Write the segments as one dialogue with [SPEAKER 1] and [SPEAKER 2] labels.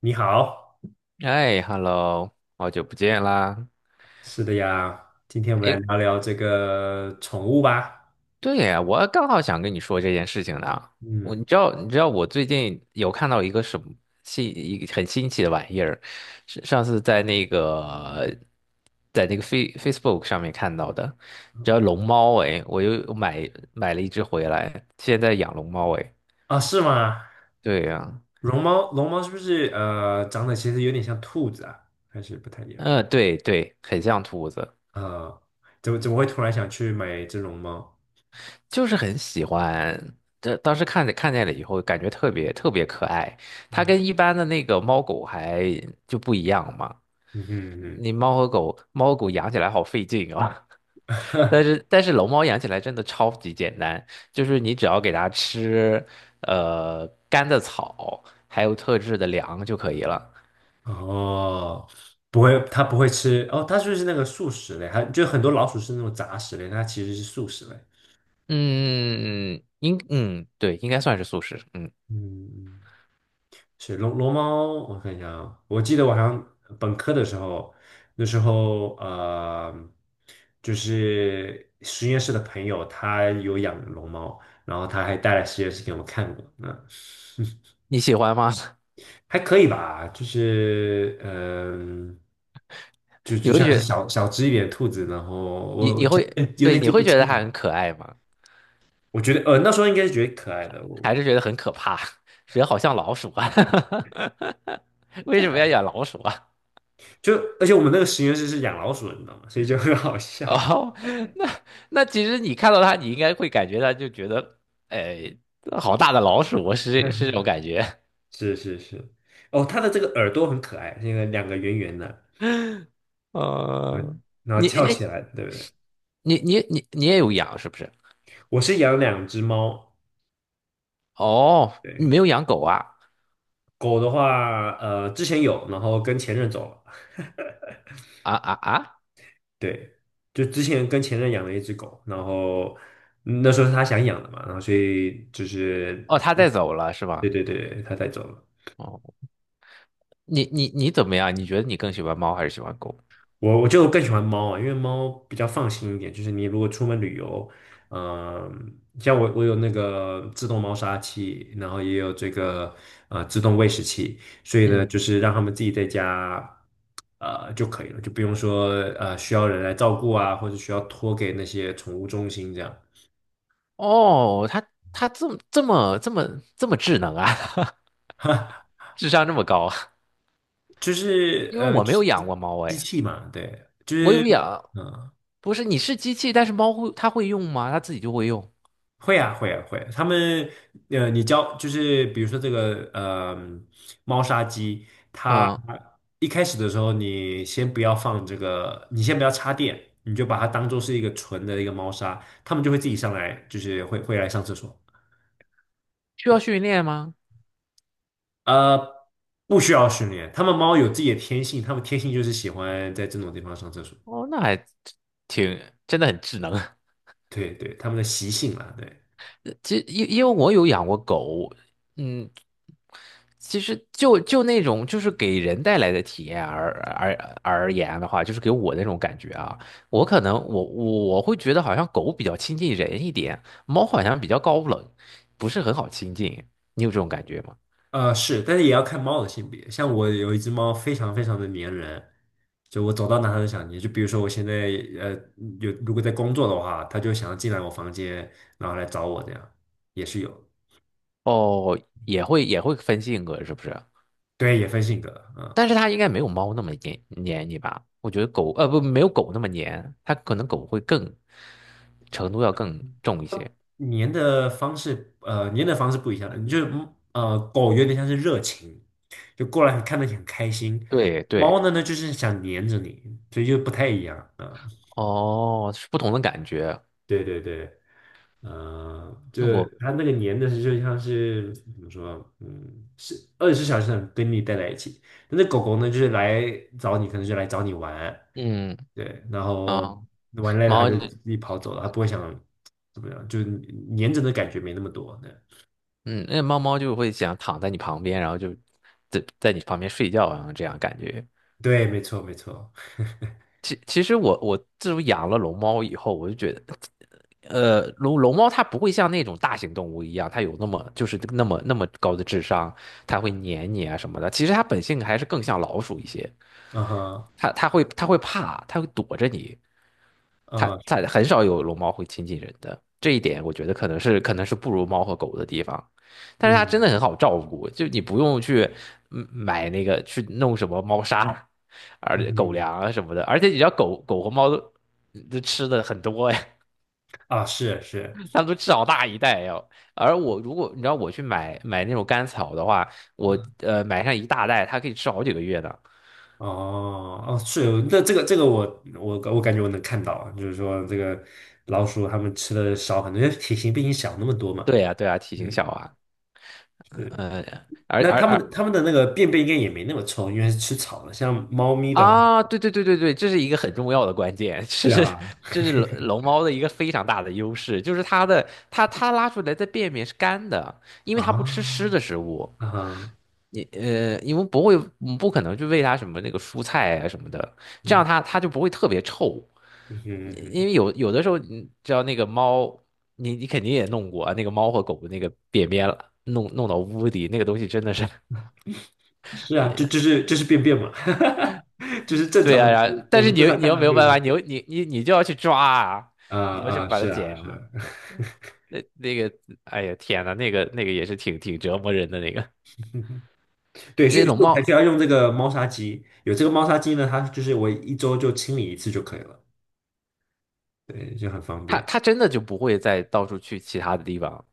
[SPEAKER 1] 你好。
[SPEAKER 2] 哎，hello，好久不见啦！
[SPEAKER 1] 是的呀，今天我们来
[SPEAKER 2] 哎，
[SPEAKER 1] 聊聊这个宠物吧。
[SPEAKER 2] 对呀，我刚好想跟你说这件事情呢。我
[SPEAKER 1] 嗯。
[SPEAKER 2] 你知道，你知道我最近有看到一个什么新一个很新奇的玩意儿，是上次在那个Facebook 上面看到的，叫龙猫哎，我又买了一只回来，现在养龙猫哎。
[SPEAKER 1] 啊，是吗？
[SPEAKER 2] 对呀，
[SPEAKER 1] 绒猫，龙猫是不是长得其实有点像兔子啊？还是不太一样？
[SPEAKER 2] 嗯，对对，很像兔子。
[SPEAKER 1] 啊，怎么会突然想去买这绒猫？
[SPEAKER 2] 就是很喜欢。这当时看见了以后，感觉特别特别可爱。它跟
[SPEAKER 1] 嗯
[SPEAKER 2] 一般的那个猫狗不一样嘛。
[SPEAKER 1] 嗯嗯。
[SPEAKER 2] 你猫和狗，猫和狗养起来好费劲啊。但是龙猫养起来真的超级简单，就是你只要给它吃干的草，还有特制的粮就可以了。
[SPEAKER 1] 嗯哼，哦，不会，它不会吃哦，它就是那个素食类，还就很多老鼠是那种杂食类，它其实是素食类。
[SPEAKER 2] 嗯，应嗯对，应该算是素食。嗯，
[SPEAKER 1] 嗯，嗯，是龙猫，我看一下啊，我记得我好像本科的时候，那时候就是实验室的朋友他有养龙猫，然后他还带来实验室给我们看过。嗯，
[SPEAKER 2] 你喜欢吗？
[SPEAKER 1] 还可以吧，就是就
[SPEAKER 2] 你
[SPEAKER 1] 就
[SPEAKER 2] 会
[SPEAKER 1] 像是
[SPEAKER 2] 觉
[SPEAKER 1] 小小只一点的兔子，然后
[SPEAKER 2] 你
[SPEAKER 1] 我
[SPEAKER 2] 你
[SPEAKER 1] 其实
[SPEAKER 2] 会
[SPEAKER 1] 有
[SPEAKER 2] 对
[SPEAKER 1] 点
[SPEAKER 2] 你
[SPEAKER 1] 记
[SPEAKER 2] 会
[SPEAKER 1] 不
[SPEAKER 2] 觉得
[SPEAKER 1] 清
[SPEAKER 2] 它
[SPEAKER 1] 了。
[SPEAKER 2] 很可爱吗？
[SPEAKER 1] 我觉得那时候应该是觉得可爱的。我
[SPEAKER 2] 还
[SPEAKER 1] 我
[SPEAKER 2] 是觉得很可怕，人好像老鼠啊，
[SPEAKER 1] 应
[SPEAKER 2] 为
[SPEAKER 1] 该
[SPEAKER 2] 什么要
[SPEAKER 1] 还
[SPEAKER 2] 养老鼠啊？
[SPEAKER 1] 就而且我们那个实验室是养老鼠的，你知道吗？所以就很好 笑。
[SPEAKER 2] 哦，那其实你看到它，你应该会感觉到就觉得，哎，好大的老鼠啊，是这 种感觉。
[SPEAKER 1] 是是是。哦，它的这个耳朵很可爱，那个两个圆圆的。嗯，
[SPEAKER 2] 嗯，
[SPEAKER 1] 然后
[SPEAKER 2] 你
[SPEAKER 1] 翘起
[SPEAKER 2] 哎
[SPEAKER 1] 来，对不对？
[SPEAKER 2] 你也有养是不是？
[SPEAKER 1] 我是养两只猫。
[SPEAKER 2] 哦，你没
[SPEAKER 1] 对，
[SPEAKER 2] 有养狗啊？
[SPEAKER 1] 狗的话，之前有，然后跟前任走了。
[SPEAKER 2] 啊啊啊！
[SPEAKER 1] 对，就之前跟前任养了一只狗，然后嗯那时候是他想养的嘛，然后所以就是。
[SPEAKER 2] 哦，它带走了是
[SPEAKER 1] 对
[SPEAKER 2] 吧？
[SPEAKER 1] 对对，他带走了。
[SPEAKER 2] 哦，你你你怎么样？你觉得你更喜欢猫还是喜欢狗？
[SPEAKER 1] 我就更喜欢猫啊，因为猫比较放心一点。就是你如果出门旅游，像我有那个自动猫砂器，然后也有这个自动喂食器，所以呢，
[SPEAKER 2] 嗯，
[SPEAKER 1] 就是让它们自己在家就可以了，就不用说需要人来照顾啊，或者需要托给那些宠物中心这样。
[SPEAKER 2] 哦，它它这么这么这么这么智能啊！智商这么高啊。
[SPEAKER 1] 就 是
[SPEAKER 2] 因为我没有养
[SPEAKER 1] 机
[SPEAKER 2] 过猫
[SPEAKER 1] 机
[SPEAKER 2] 哎，
[SPEAKER 1] 器嘛，对，就
[SPEAKER 2] 我
[SPEAKER 1] 是。
[SPEAKER 2] 有养，
[SPEAKER 1] 嗯。
[SPEAKER 2] 不是你是机器，但是它会用吗？它自己就会用，
[SPEAKER 1] 会啊，会啊，会啊。他们，你教就是比如说这个，猫砂机，它
[SPEAKER 2] 嗯，
[SPEAKER 1] 一开始的时候，你先不要放这个，你先不要插电，你就把它当做是一个纯的一个猫砂，它们就会自己上来，就是会来上厕所。
[SPEAKER 2] 需要训练吗？
[SPEAKER 1] 呃，不需要训练，它们猫有自己的天性，它们天性就是喜欢在这种地方上厕所。
[SPEAKER 2] 哦，那还挺真的很智能。
[SPEAKER 1] 对对，它们的习性啊，对。
[SPEAKER 2] 其实因为我有养过狗，嗯，其实那种就是给人带来的体验而言的话，就是给我那种感觉啊，我可能我会觉得好像狗比较亲近人一点，猫好像比较高冷，不是很好亲近，你有这种感觉吗？
[SPEAKER 1] 是，但是也要看猫的性别。像我有一只猫，非常非常的粘人，就我走到哪它都想黏。就比如说我现在呃有如果在工作的话，它就想要进来我房间，然后来找我，这样也是有。
[SPEAKER 2] 哦，也会分性格是不是？
[SPEAKER 1] 对，也分性格啊。
[SPEAKER 2] 但是它应该没有猫那么黏你吧？我觉得狗呃不没有狗那么黏，它可能狗会更程度要更重一些。
[SPEAKER 1] 嗯，粘的方式不一样，你就是狗有点像是热情，就过来看得很开心。
[SPEAKER 2] 对对，
[SPEAKER 1] 猫呢就是想黏着你，所以就不太一样啊。
[SPEAKER 2] 哦，是不同的感觉。
[SPEAKER 1] 对对对。嗯。就
[SPEAKER 2] 那我
[SPEAKER 1] 它那个黏的是就像是怎么说，嗯，是24小时很跟你待在一起。那狗狗呢，就是来找你，可能就来找你玩。
[SPEAKER 2] 嗯
[SPEAKER 1] 对，然后
[SPEAKER 2] 啊，
[SPEAKER 1] 玩累了它
[SPEAKER 2] 猫
[SPEAKER 1] 就
[SPEAKER 2] 就
[SPEAKER 1] 自己跑走了，它不会想怎么样，就是黏着的感觉没那么多。对。
[SPEAKER 2] 猫猫就会想躺在你旁边，然后就在你旁边睡觉啊，然后这样感觉。
[SPEAKER 1] 对，没错，没错。
[SPEAKER 2] 其实我自从养了龙猫以后，我就觉得，呃，龙猫它不会像那种大型动物一样，它有那么就是那么那么高的智商，它会黏你啊什么的。其实它本性还是更像老鼠一些，
[SPEAKER 1] 嗯哼。
[SPEAKER 2] 它会怕，它会躲着你。它
[SPEAKER 1] 啊。
[SPEAKER 2] 很少有龙猫会亲近人的，这一点我觉得可能是不如猫和狗的地方。但是它
[SPEAKER 1] 嗯
[SPEAKER 2] 真的很好照顾，就你不用去嗯买那个去弄什么猫砂，而
[SPEAKER 1] 嗯。
[SPEAKER 2] 且狗
[SPEAKER 1] 嗯。
[SPEAKER 2] 粮啊什么的，而且你知道狗狗和猫都吃的很多呀，
[SPEAKER 1] 啊，是是。
[SPEAKER 2] 它们都吃好大一袋呀。而我如果你知道我去买那种干草的话，我
[SPEAKER 1] 啊。
[SPEAKER 2] 买上一大袋，它可以吃好几个月呢。
[SPEAKER 1] 哦哦，是。那这个这个我我感觉我能看到啊，就是说这个老鼠它们吃的少很多，因为体型比你小那么多嘛。
[SPEAKER 2] 对呀，对呀，体型小
[SPEAKER 1] 嗯，
[SPEAKER 2] 啊，嗯、
[SPEAKER 1] 是。
[SPEAKER 2] 而
[SPEAKER 1] 那
[SPEAKER 2] 而
[SPEAKER 1] 它
[SPEAKER 2] 而
[SPEAKER 1] 们它们的那个便便应该也没那么臭，因为是吃草的。像猫咪的话，
[SPEAKER 2] 啊，对对对对对，这是一个很重要的关键，
[SPEAKER 1] 是啊。
[SPEAKER 2] 这是龙猫的一个非常大的优势，就是它拉出来的便便是干的，因为它不吃湿
[SPEAKER 1] 啊
[SPEAKER 2] 的食物，
[SPEAKER 1] 啊。
[SPEAKER 2] 因为不会嗯不可能去喂它什么那个蔬菜啊什么的，这样
[SPEAKER 1] 嗯
[SPEAKER 2] 它就不会特别臭，
[SPEAKER 1] 嗯嗯。
[SPEAKER 2] 因
[SPEAKER 1] 嗯。
[SPEAKER 2] 为有的时候你知道那个猫，你肯定也弄过啊那个猫和狗的那个便便了，弄到屋里那个东西真的是。
[SPEAKER 1] 是啊，这 就是这是便便嘛。就是正
[SPEAKER 2] 对
[SPEAKER 1] 常的，
[SPEAKER 2] 呀、然后
[SPEAKER 1] 我
[SPEAKER 2] 但是
[SPEAKER 1] 们正常
[SPEAKER 2] 你
[SPEAKER 1] 看
[SPEAKER 2] 又没
[SPEAKER 1] 到
[SPEAKER 2] 有
[SPEAKER 1] 便
[SPEAKER 2] 办法，
[SPEAKER 1] 便。
[SPEAKER 2] 你又你你你就要去抓啊，
[SPEAKER 1] 啊
[SPEAKER 2] 你要去
[SPEAKER 1] 啊，
[SPEAKER 2] 把它
[SPEAKER 1] 是啊
[SPEAKER 2] 剪
[SPEAKER 1] 是
[SPEAKER 2] 啊。
[SPEAKER 1] 啊。
[SPEAKER 2] 那个，哎呀天呐，那个也是挺折磨人的那个。
[SPEAKER 1] 对，
[SPEAKER 2] 这
[SPEAKER 1] 所
[SPEAKER 2] 些
[SPEAKER 1] 以
[SPEAKER 2] 龙
[SPEAKER 1] 所以我才需
[SPEAKER 2] 猫，
[SPEAKER 1] 要用这个猫砂机。有这个猫砂机呢，它就是我一周就清理一次就可以了。对，就很方
[SPEAKER 2] 它
[SPEAKER 1] 便。
[SPEAKER 2] 它真的就不会再到处去其他的地方，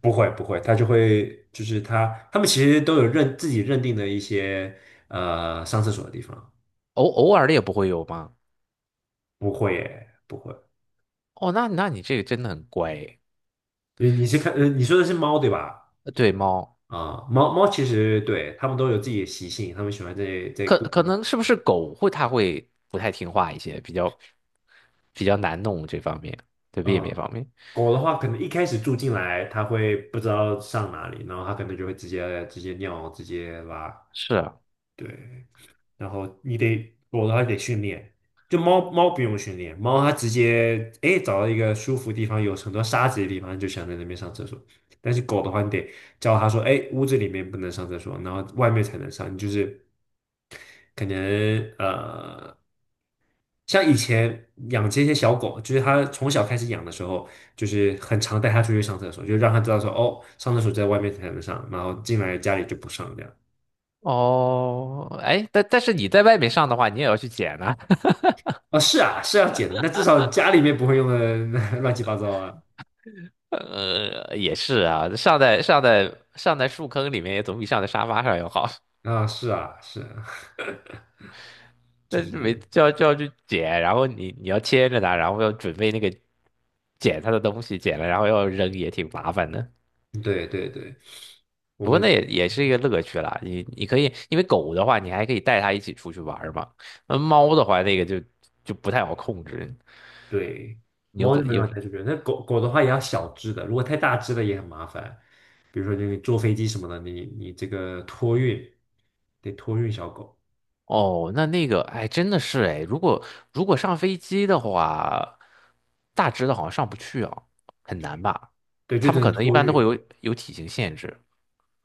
[SPEAKER 1] 不会不会，它就会就是它，他们其实都有认自己认定的一些上厕所的地方。
[SPEAKER 2] 偶尔的也不会有吗？
[SPEAKER 1] 不会耶，不会。
[SPEAKER 2] 哦，那那你这个真的很乖诶。
[SPEAKER 1] 你是看你说的是猫对吧？
[SPEAKER 2] 呃对猫，
[SPEAKER 1] 啊、猫猫其实对它们都有自己的习性，它们喜欢在在固定
[SPEAKER 2] 可
[SPEAKER 1] 地。
[SPEAKER 2] 能是不是狗会它会不太听话一些，比较难弄这方面，对便
[SPEAKER 1] 嗯，
[SPEAKER 2] 便方面。
[SPEAKER 1] 狗的话，可能一开始住进来，它会不知道上哪里，然后它可能就会直接尿，直接拉。
[SPEAKER 2] 是啊。
[SPEAKER 1] 对，然后你得，我的话得训练。就猫猫不用训练，猫它直接哎找到一个舒服地方，有很多沙子的地方，就想在那边上厕所。但是狗的话，你得教它说，哎，屋子里面不能上厕所，然后外面才能上。你就是可能像以前养这些小狗，就是它从小开始养的时候，就是很常带它出去上厕所，就让它知道说，哦，上厕所在外面才能上，然后进来家里就不上这样。
[SPEAKER 2] 哦，哎，但是你在外面上的话，你也要去捡啊。
[SPEAKER 1] 啊，是啊，是要剪的，但至少家里面不会用的 乱七八糟啊。
[SPEAKER 2] 呃，也是啊，上在树坑里面也总比上在沙发上要好。
[SPEAKER 1] 啊，是啊，是啊。就
[SPEAKER 2] 那
[SPEAKER 1] 是
[SPEAKER 2] 就没就要就要去捡，然后你要牵着它，然后要准备那个捡它的东西，捡了然后要扔，也挺麻烦的。
[SPEAKER 1] 对对对，我
[SPEAKER 2] 不过
[SPEAKER 1] 们
[SPEAKER 2] 那也是一个乐趣啦，你可以，因为狗的话，你还可以带它一起出去玩儿嘛。那猫的话，就不太好控制，
[SPEAKER 1] 对
[SPEAKER 2] 你又
[SPEAKER 1] 猫
[SPEAKER 2] 不
[SPEAKER 1] 就没
[SPEAKER 2] 又
[SPEAKER 1] 办
[SPEAKER 2] 不。
[SPEAKER 1] 法带出去，那狗狗的话也要小只的，如果太大只的也很麻烦。比如说你坐飞机什么的，你这个托运得托运小狗。
[SPEAKER 2] 哦，那那个，哎，真的是哎，如果上飞机的话，大只的好像上不去啊，很难吧？
[SPEAKER 1] 对，就
[SPEAKER 2] 他
[SPEAKER 1] 只
[SPEAKER 2] 们
[SPEAKER 1] 能
[SPEAKER 2] 可能一
[SPEAKER 1] 托
[SPEAKER 2] 般都会
[SPEAKER 1] 运。
[SPEAKER 2] 有体型限制。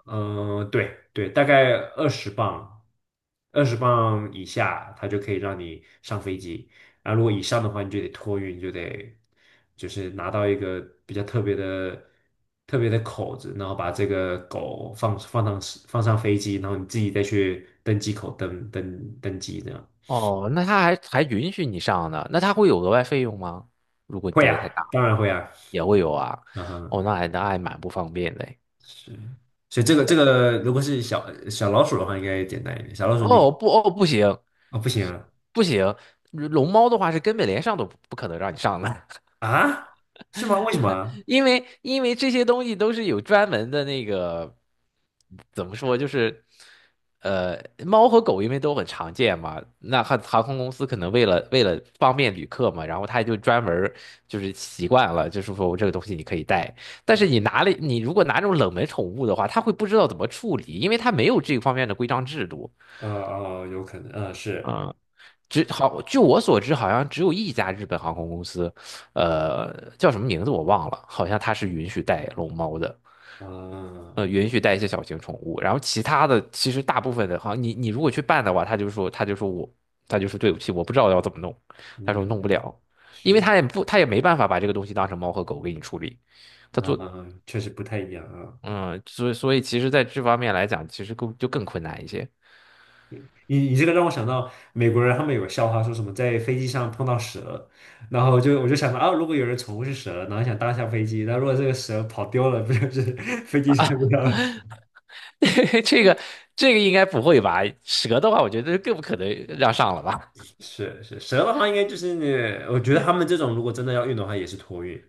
[SPEAKER 1] 嗯、对对，大概二十磅，二十磅以下，它就可以让你上飞机。然后如果以上的话，你就得托运，就得就是拿到一个比较特别的、特别的口子，然后把这个狗放上飞机，然后你自己再去登机口登机这样。
[SPEAKER 2] 哦，那他还允许你上呢，那他会有额外费用吗？如果你
[SPEAKER 1] 会
[SPEAKER 2] 带的
[SPEAKER 1] 啊，
[SPEAKER 2] 太大，
[SPEAKER 1] 当然会啊。
[SPEAKER 2] 也会有啊。
[SPEAKER 1] 嗯哼。
[SPEAKER 2] 哦，那还蛮不方便的哎。
[SPEAKER 1] 是。所以这个这个，如果是小小老鼠的话，应该简单一点。小老鼠你。
[SPEAKER 2] 哦不行，
[SPEAKER 1] 啊，不行啊。
[SPEAKER 2] 不行，龙猫的话是根本连上都不可能让你上的。
[SPEAKER 1] 啊？是吗？为什么啊？
[SPEAKER 2] 因为这些东西都是有专门的那个，怎么说就是，呃，猫和狗因为都很常见嘛，那航空公司可能为了方便旅客嘛，然后他就专门儿就是习惯了，就是说我这个东西你可以带，但是你拿了你如果拿这种冷门宠物的话，他会不知道怎么处理，因为他没有这方面的规章制度。
[SPEAKER 1] 哦，有可能，是。
[SPEAKER 2] 只好，据我所知，好像只有一家日本航空公司，呃，叫什么名字我忘了，好像它是允许带龙猫的，
[SPEAKER 1] 啊。
[SPEAKER 2] 呃，允许带一些小型宠物。然后其他的，其实大部分的，好像你你如果去办的话，他就说对不起，我不知道要怎么弄，他说
[SPEAKER 1] 嗯，
[SPEAKER 2] 弄不了，因为
[SPEAKER 1] 是，
[SPEAKER 2] 他也没办法把这个东西当成猫和狗给你处理，他
[SPEAKER 1] 啊，
[SPEAKER 2] 做。
[SPEAKER 1] 确实不太一样啊。
[SPEAKER 2] 嗯，所以所以其实在这方面来讲，其实更困难一些。
[SPEAKER 1] 你你这个让我想到美国人，他们有个笑话，说什么在飞机上碰到蛇，然后就我就想到啊，如果有人宠物是蛇，然后想搭一下飞机，那如果这个蛇跑丢了，不就是 飞机上不掉了？
[SPEAKER 2] 这个这个应该不会吧？蛇的话，我觉得更不可能让上了吧。
[SPEAKER 1] 是是，蛇的话应该就是那，我觉得他们这种如果真的要运的话，也是托运，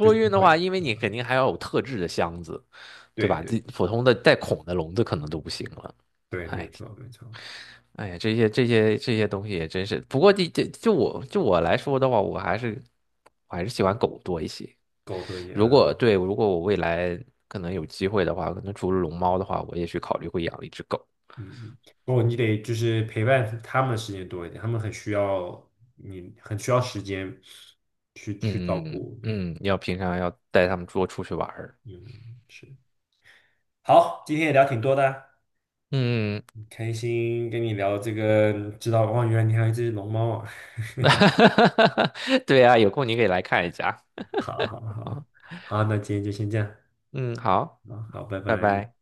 [SPEAKER 1] 就是不
[SPEAKER 2] 运的
[SPEAKER 1] 会。
[SPEAKER 2] 话，因为你肯定还要有特制的箱子，对
[SPEAKER 1] 对
[SPEAKER 2] 吧？这
[SPEAKER 1] 对
[SPEAKER 2] 普通的带孔的笼子可能都不行了。
[SPEAKER 1] 对，没
[SPEAKER 2] 哎，
[SPEAKER 1] 错没错。
[SPEAKER 2] 哎呀，这些这些这些东西也真是。不过就我来说的话，我还是喜欢狗多一些。
[SPEAKER 1] 狗多一
[SPEAKER 2] 如果
[SPEAKER 1] 样。
[SPEAKER 2] 对，如果我未来可能有机会的话，可能除了龙猫的话，我也许考虑会养一只狗。
[SPEAKER 1] 嗯嗯，哦，你得就是陪伴他们的时间多一点，他们很需要你，很需要时间去去照
[SPEAKER 2] 嗯
[SPEAKER 1] 顾。对。
[SPEAKER 2] 嗯，嗯要平常要带它们多出去玩儿。
[SPEAKER 1] 嗯，是。好，今天也聊挺多的，
[SPEAKER 2] 嗯。嗯嗯。
[SPEAKER 1] 很开心跟你聊这个，知道哇，原来你还有一只龙猫啊！
[SPEAKER 2] 哈哈哈。对啊，有空你可以来看一下。
[SPEAKER 1] 好好好，好，那今天就先这样，
[SPEAKER 2] 嗯，好，
[SPEAKER 1] 啊，好，拜
[SPEAKER 2] 拜
[SPEAKER 1] 拜。
[SPEAKER 2] 拜。